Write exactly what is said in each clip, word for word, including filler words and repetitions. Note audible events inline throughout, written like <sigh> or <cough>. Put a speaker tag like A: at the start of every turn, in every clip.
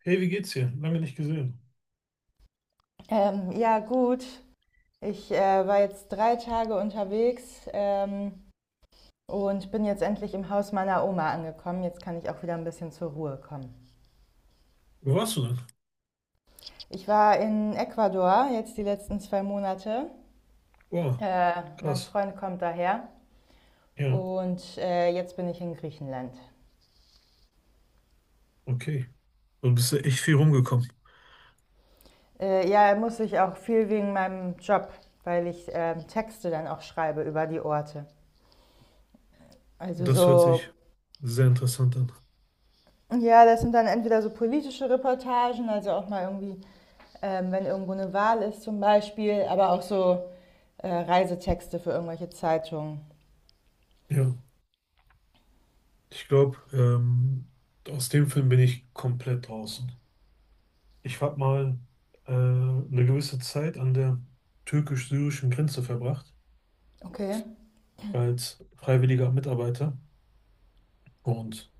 A: Hey, wie geht's dir? Lange nicht gesehen.
B: Ähm, ja, gut. Ich äh, war jetzt drei Tage unterwegs ähm, und bin jetzt endlich im Haus meiner Oma angekommen. Jetzt kann ich auch wieder ein bisschen zur Ruhe kommen.
A: Wo warst du denn?
B: Ich war in Ecuador jetzt die letzten zwei Monate.
A: Boah,
B: Äh, Mein
A: krass.
B: Freund kommt daher
A: Ja,
B: und äh, jetzt bin ich in Griechenland.
A: okay. Du bist ja echt viel rumgekommen.
B: Äh, ja, muss ich auch viel wegen meinem Job, weil ich ähm, Texte dann auch schreibe über die Orte. Also
A: Das hört sich
B: so,
A: sehr interessant an.
B: ja, das sind dann entweder so politische Reportagen, also auch mal irgendwie ähm, wenn irgendwo eine Wahl ist zum Beispiel, aber auch so äh, Reisetexte für irgendwelche Zeitungen.
A: Ja, ich glaube, ähm, aus dem Film bin ich komplett draußen. Ich habe mal äh, eine gewisse Zeit an der türkisch-syrischen Grenze verbracht,
B: Okay.
A: als freiwilliger Mitarbeiter. Und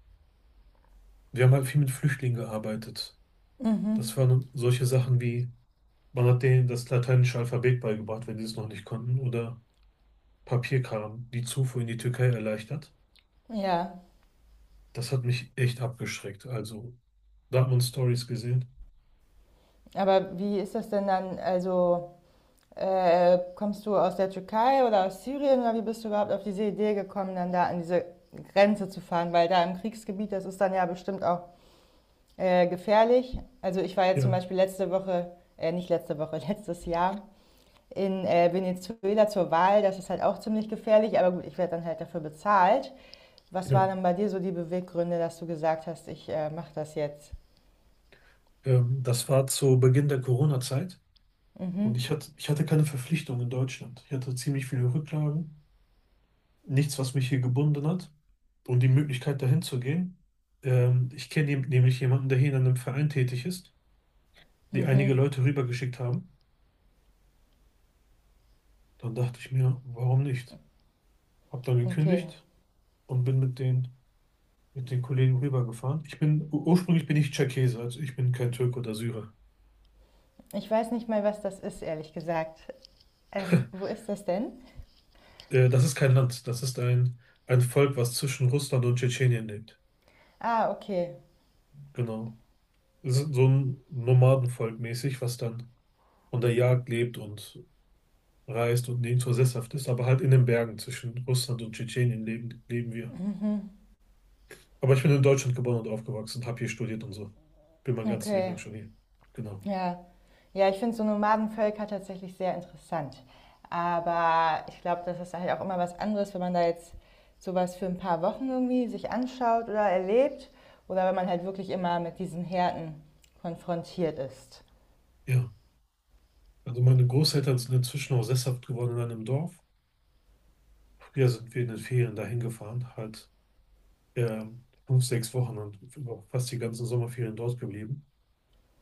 A: wir haben halt viel mit Flüchtlingen gearbeitet.
B: Mhm.
A: Das waren solche Sachen wie: Man hat denen das lateinische Alphabet beigebracht, wenn die es noch nicht konnten, oder Papierkram, die Zufuhr in die Türkei erleichtert.
B: Ja,
A: Das hat mich echt abgeschreckt. Also, da hat man Stories gesehen.
B: aber wie ist das denn dann? Also äh, kommst du aus der Türkei oder aus Syrien oder wie bist du überhaupt auf diese Idee gekommen, dann da an diese Grenze zu fahren? Weil da im Kriegsgebiet, das ist dann ja bestimmt auch äh, gefährlich. Also ich war jetzt zum
A: Ja,
B: Beispiel letzte Woche, äh, nicht letzte Woche, <laughs> letztes Jahr in, äh, Venezuela zur Wahl. Das ist halt auch ziemlich gefährlich, aber gut, ich werde dann halt dafür bezahlt. Was
A: ja.
B: waren denn bei dir so die Beweggründe, dass du gesagt hast, ich äh, mache das jetzt?
A: Ähm, das war zu Beginn der Corona-Zeit
B: Mhm,
A: und ich hatte, ich hatte keine Verpflichtung in Deutschland. Ich hatte ziemlich viele Rücklagen, nichts, was mich hier gebunden hat, und die Möglichkeit, dahin zu gehen. Ähm, ich kenne jem- nämlich jemanden, der hier in einem Verein tätig ist, die
B: mhm,
A: einige Leute rübergeschickt haben. Dann dachte ich mir, warum nicht? Hab dann
B: okay.
A: gekündigt und bin mit den, mit den Kollegen rübergefahren. Ich bin, ur- ursprünglich bin ich Tscherkesse, also ich bin kein Türke oder Syrer.
B: Ich weiß nicht mal, was das ist, ehrlich gesagt. Ähm, wo ist das denn?
A: Äh, das ist kein Land, das ist ein, ein Volk, was zwischen Russland und Tschetschenien lebt.
B: Ah, okay,
A: Genau. Es ist so ein Nomadenvolk mäßig, was dann von der Jagd lebt und reist und nirgendwo sesshaft ist, aber halt in den Bergen zwischen Russland und Tschetschenien leben, leben wir. Aber ich bin in Deutschland geboren und aufgewachsen, habe hier studiert und so. Bin mein ganzes Leben lang
B: okay.
A: schon hier. Genau.
B: Ja. Ja, ich finde so Nomadenvölker tatsächlich sehr interessant. Aber ich glaube, das ist halt auch immer was anderes, wenn man da jetzt sowas für ein paar Wochen irgendwie sich anschaut oder erlebt. Oder wenn man halt wirklich immer mit diesen Härten konfrontiert ist.
A: Ja. Also meine Großeltern sind inzwischen auch sesshaft geworden in einem Dorf. Früher sind wir in den Ferien dahin gefahren, halt ähm, fünf, sechs Wochen, und über fast die ganzen Sommerferien dort geblieben.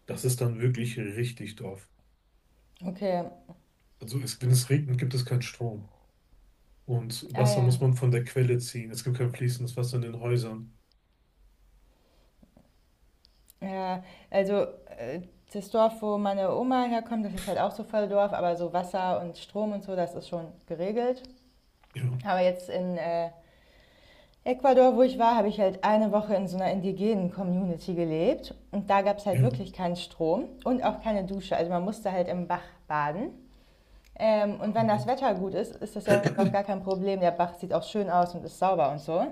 A: Das ist dann wirklich richtig Dorf.
B: Okay,
A: Also es, wenn es regnet, gibt es keinen Strom. Und
B: ah
A: Wasser
B: ja.
A: muss man von der Quelle ziehen. Es gibt kein fließendes Wasser in den Häusern.
B: Ja, also äh, das Dorf, wo meine Oma herkommt, das ist halt auch so voll Dorf, aber so Wasser und Strom und so, das ist schon geregelt.
A: Ja,
B: Aber jetzt in äh, Ecuador, wo ich war, habe ich halt eine Woche in so einer indigenen Community gelebt und da gab es halt
A: ja,
B: wirklich keinen Strom und auch keine Dusche. Also man musste halt im Bach baden. Ähm, und wenn das
A: hart.
B: Wetter gut ist, ist das ja auch
A: <clears throat>
B: gar kein Problem. Der Bach sieht auch schön aus und ist sauber und so.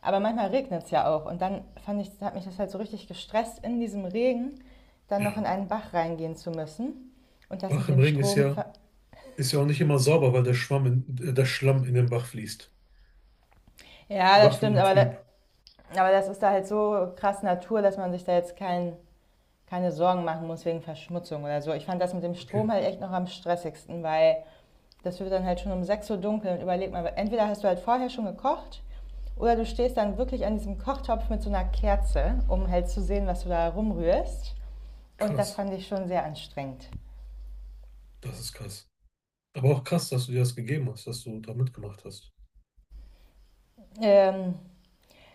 B: Aber manchmal regnet es ja auch und dann fand ich, hat mich das halt so richtig gestresst, in diesem Regen dann noch in
A: Ja.
B: einen Bach reingehen zu müssen. Und das
A: Bach
B: mit
A: im
B: dem
A: Ring ist
B: Strom.
A: ja, ist ja auch nicht immer sauber, weil der Schwamm in, äh, der Schlamm in den Bach fließt.
B: Ja, das
A: Bach wird
B: stimmt,
A: immer
B: aber, da,
A: trüb.
B: aber das ist da halt so krass Natur, dass man sich da jetzt keinen keine Sorgen machen muss wegen Verschmutzung oder so. Ich fand das mit dem
A: Okay,
B: Strom halt echt noch am stressigsten, weil das wird dann halt schon um sechs Uhr dunkel und überleg mal, entweder hast du halt vorher schon gekocht oder du stehst dann wirklich an diesem Kochtopf mit so einer Kerze, um halt zu sehen, was du da rumrührst. Und das
A: krass.
B: fand ich schon sehr anstrengend.
A: Das ist krass. Aber auch krass, dass du dir das gegeben hast, dass du da mitgemacht hast.
B: Ähm,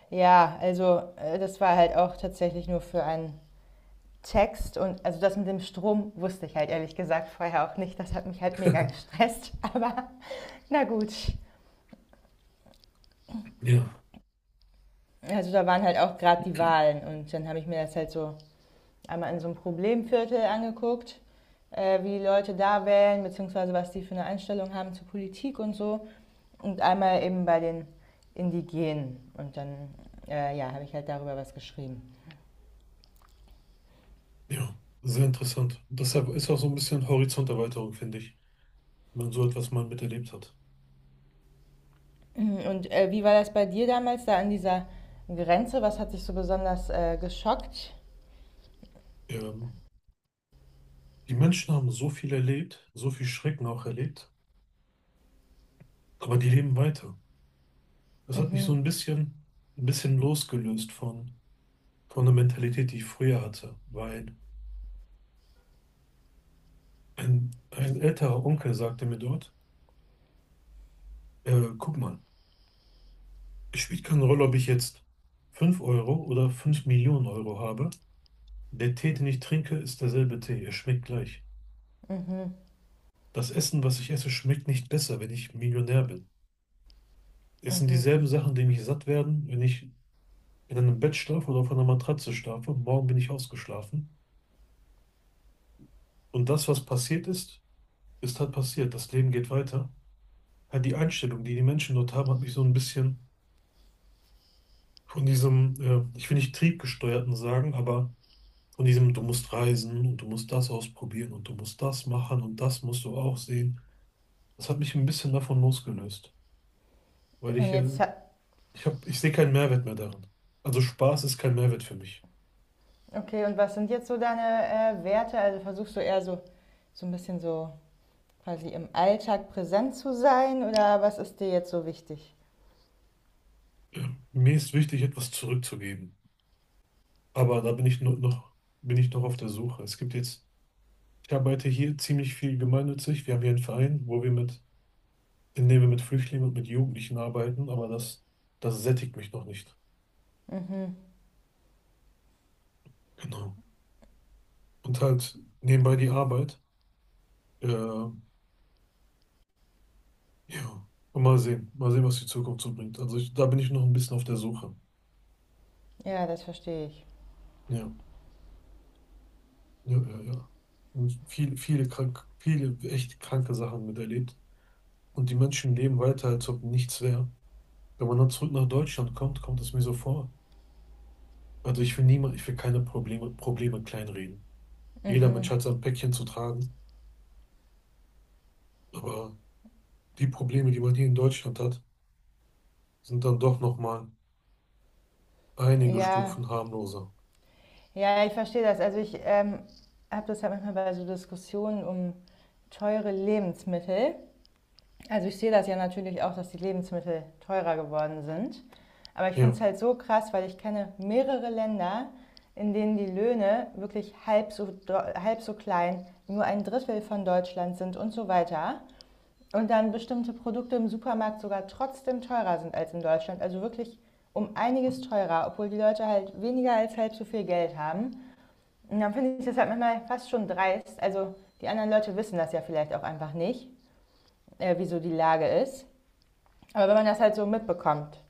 B: ja, also äh, das war halt auch tatsächlich nur für einen Text und also das mit dem Strom wusste ich halt ehrlich gesagt vorher auch nicht. Das hat mich halt mega
A: <laughs>
B: gestresst, <laughs> aber na gut.
A: Ja,
B: Also da waren halt auch gerade die Wahlen und dann habe ich mir das halt so einmal in so einem Problemviertel angeguckt, äh, wie die Leute da wählen, beziehungsweise was die für eine Einstellung haben zur Politik und so. Und einmal eben bei den Indigenen. Und dann, äh, ja, habe ich halt darüber was geschrieben.
A: ja, sehr interessant. Deshalb ist auch so ein bisschen Horizonterweiterung, finde ich, wenn man so etwas mal miterlebt hat.
B: Mhm. Und äh, wie war das bei dir damals da an dieser Grenze? Was hat dich so besonders äh, geschockt?
A: Ähm, die Menschen haben so viel erlebt, so viel Schrecken auch erlebt, aber die leben weiter. Das hat mich so
B: Mhm,
A: ein bisschen, ein bisschen losgelöst von, von der Mentalität, die ich früher hatte, weil ein, ein älterer Onkel sagte mir dort, äh, guck mal, es spielt keine Rolle, ob ich jetzt fünf Euro oder fünf Millionen Euro habe. Der Tee, den ich trinke, ist derselbe Tee. Er schmeckt gleich.
B: mhm,
A: Das Essen, was ich esse, schmeckt nicht besser, wenn ich Millionär bin. Es sind
B: mhm.
A: dieselben Sachen, die mich satt werden, wenn ich in einem Bett schlafe oder auf einer Matratze schlafe. Morgen bin ich ausgeschlafen. Und das, was passiert ist, ist halt passiert. Das Leben geht weiter. Halt die Einstellung, die die Menschen dort haben, hat mich so ein bisschen von diesem, äh, ich will nicht triebgesteuerten sagen, aber von diesem: du musst reisen und du musst das ausprobieren und du musst das machen und das musst du auch sehen. Das hat mich ein bisschen davon losgelöst, weil
B: Und
A: ich äh,
B: jetzt ha-
A: Ich hab, ich sehe keinen Mehrwert mehr darin. Also Spaß ist kein Mehrwert für mich.
B: Okay, und was sind jetzt so deine äh, Werte? Also versuchst du eher so, so, ein bisschen so quasi im Alltag präsent zu sein oder was ist dir jetzt so wichtig?
A: Mir ist wichtig, etwas zurückzugeben. Aber da bin ich nur noch, bin ich noch auf der Suche. Es gibt jetzt, ich arbeite hier ziemlich viel gemeinnützig. Wir haben hier einen Verein, wo wir mit, in dem wir mit Flüchtlingen und mit Jugendlichen arbeiten, aber das, das sättigt mich noch nicht.
B: Mhm.
A: Genau. Und halt nebenbei die Arbeit. Äh, ja. Und mal sehen. Mal sehen, was die Zukunft so bringt. Also ich, da bin ich noch ein bisschen auf der Suche.
B: Ja, das verstehe ich.
A: Ja. Ja, ja, ja. Und viele, viele krank, viele echt kranke Sachen miterlebt. Und die Menschen leben weiter, als ob nichts wäre. Wenn man dann zurück nach Deutschland kommt, kommt es mir so vor. Also ich will niemand, ich will keine Probleme, Probleme kleinreden. Jeder Mensch
B: Mhm.
A: hat sein Päckchen zu tragen. Aber die Probleme, die man hier in Deutschland hat, sind dann doch nochmal einige
B: Ja,
A: Stufen harmloser.
B: ja, ich verstehe das. Also ich ähm, habe das halt manchmal bei so Diskussionen um teure Lebensmittel. Also ich sehe das ja natürlich auch, dass die Lebensmittel teurer geworden sind. Aber ich finde
A: Ja,
B: es halt so krass, weil ich kenne mehrere Länder, in denen die Löhne wirklich halb so, halb so klein, nur ein Drittel von Deutschland sind und so weiter. Und dann bestimmte Produkte im Supermarkt sogar trotzdem teurer sind als in Deutschland. Also wirklich um einiges teurer, obwohl die Leute halt weniger als halb so viel Geld haben. Und dann finde ich das halt manchmal fast schon dreist. Also die anderen Leute wissen das ja vielleicht auch einfach nicht, äh, wieso die Lage ist. Aber wenn man das halt so mitbekommt,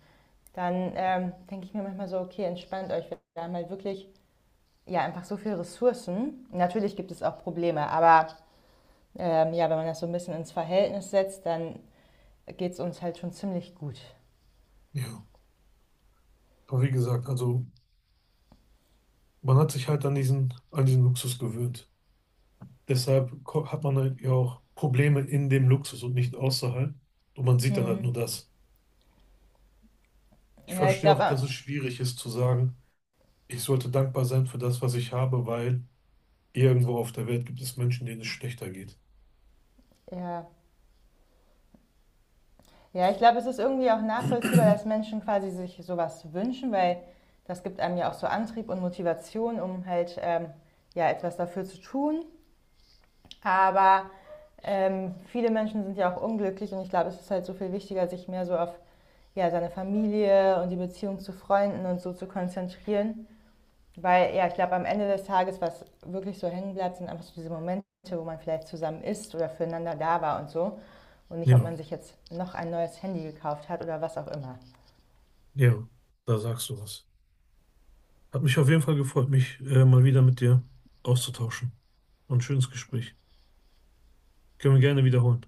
B: dann ähm, denke ich mir manchmal so, okay, entspannt euch. Wir haben halt wirklich ja einfach so viele Ressourcen. Natürlich gibt es auch Probleme, aber ähm, ja, wenn man das so ein bisschen ins Verhältnis setzt, dann geht es uns halt schon ziemlich gut.
A: ja. Aber wie gesagt, also man hat sich halt an diesen, an diesen Luxus gewöhnt. Deshalb ko- hat man halt ja auch Probleme in dem Luxus und nicht außerhalb. Und man sieht dann halt nur
B: Hm.
A: das. Ich
B: Ja, ich
A: verstehe auch,
B: glaube,
A: dass es schwierig ist zu sagen, ich sollte dankbar sein für das, was ich habe, weil irgendwo auf der Welt gibt es Menschen, denen es schlechter geht.
B: äh, ja. Ja, ich glaube, es ist irgendwie auch nachvollziehbar, dass Menschen quasi sich sowas wünschen, weil das gibt einem ja auch so Antrieb und Motivation, um halt ähm, ja etwas dafür zu tun. Aber ähm, viele Menschen sind ja auch unglücklich und ich glaube, es ist halt so viel wichtiger, sich mehr so auf ja, seine Familie und die Beziehung zu Freunden und so zu konzentrieren. Weil ja, ich glaube, am Ende des Tages, was wirklich so hängen bleibt, sind einfach so diese Momente, wo man vielleicht zusammen ist oder füreinander da war und so. Und nicht, ob
A: Ja,
B: man sich jetzt noch ein neues Handy gekauft hat oder was auch immer.
A: ja, da sagst du was. Hat mich auf jeden Fall gefreut, mich äh, mal wieder mit dir auszutauschen. Und ein schönes Gespräch. Können wir gerne wiederholen.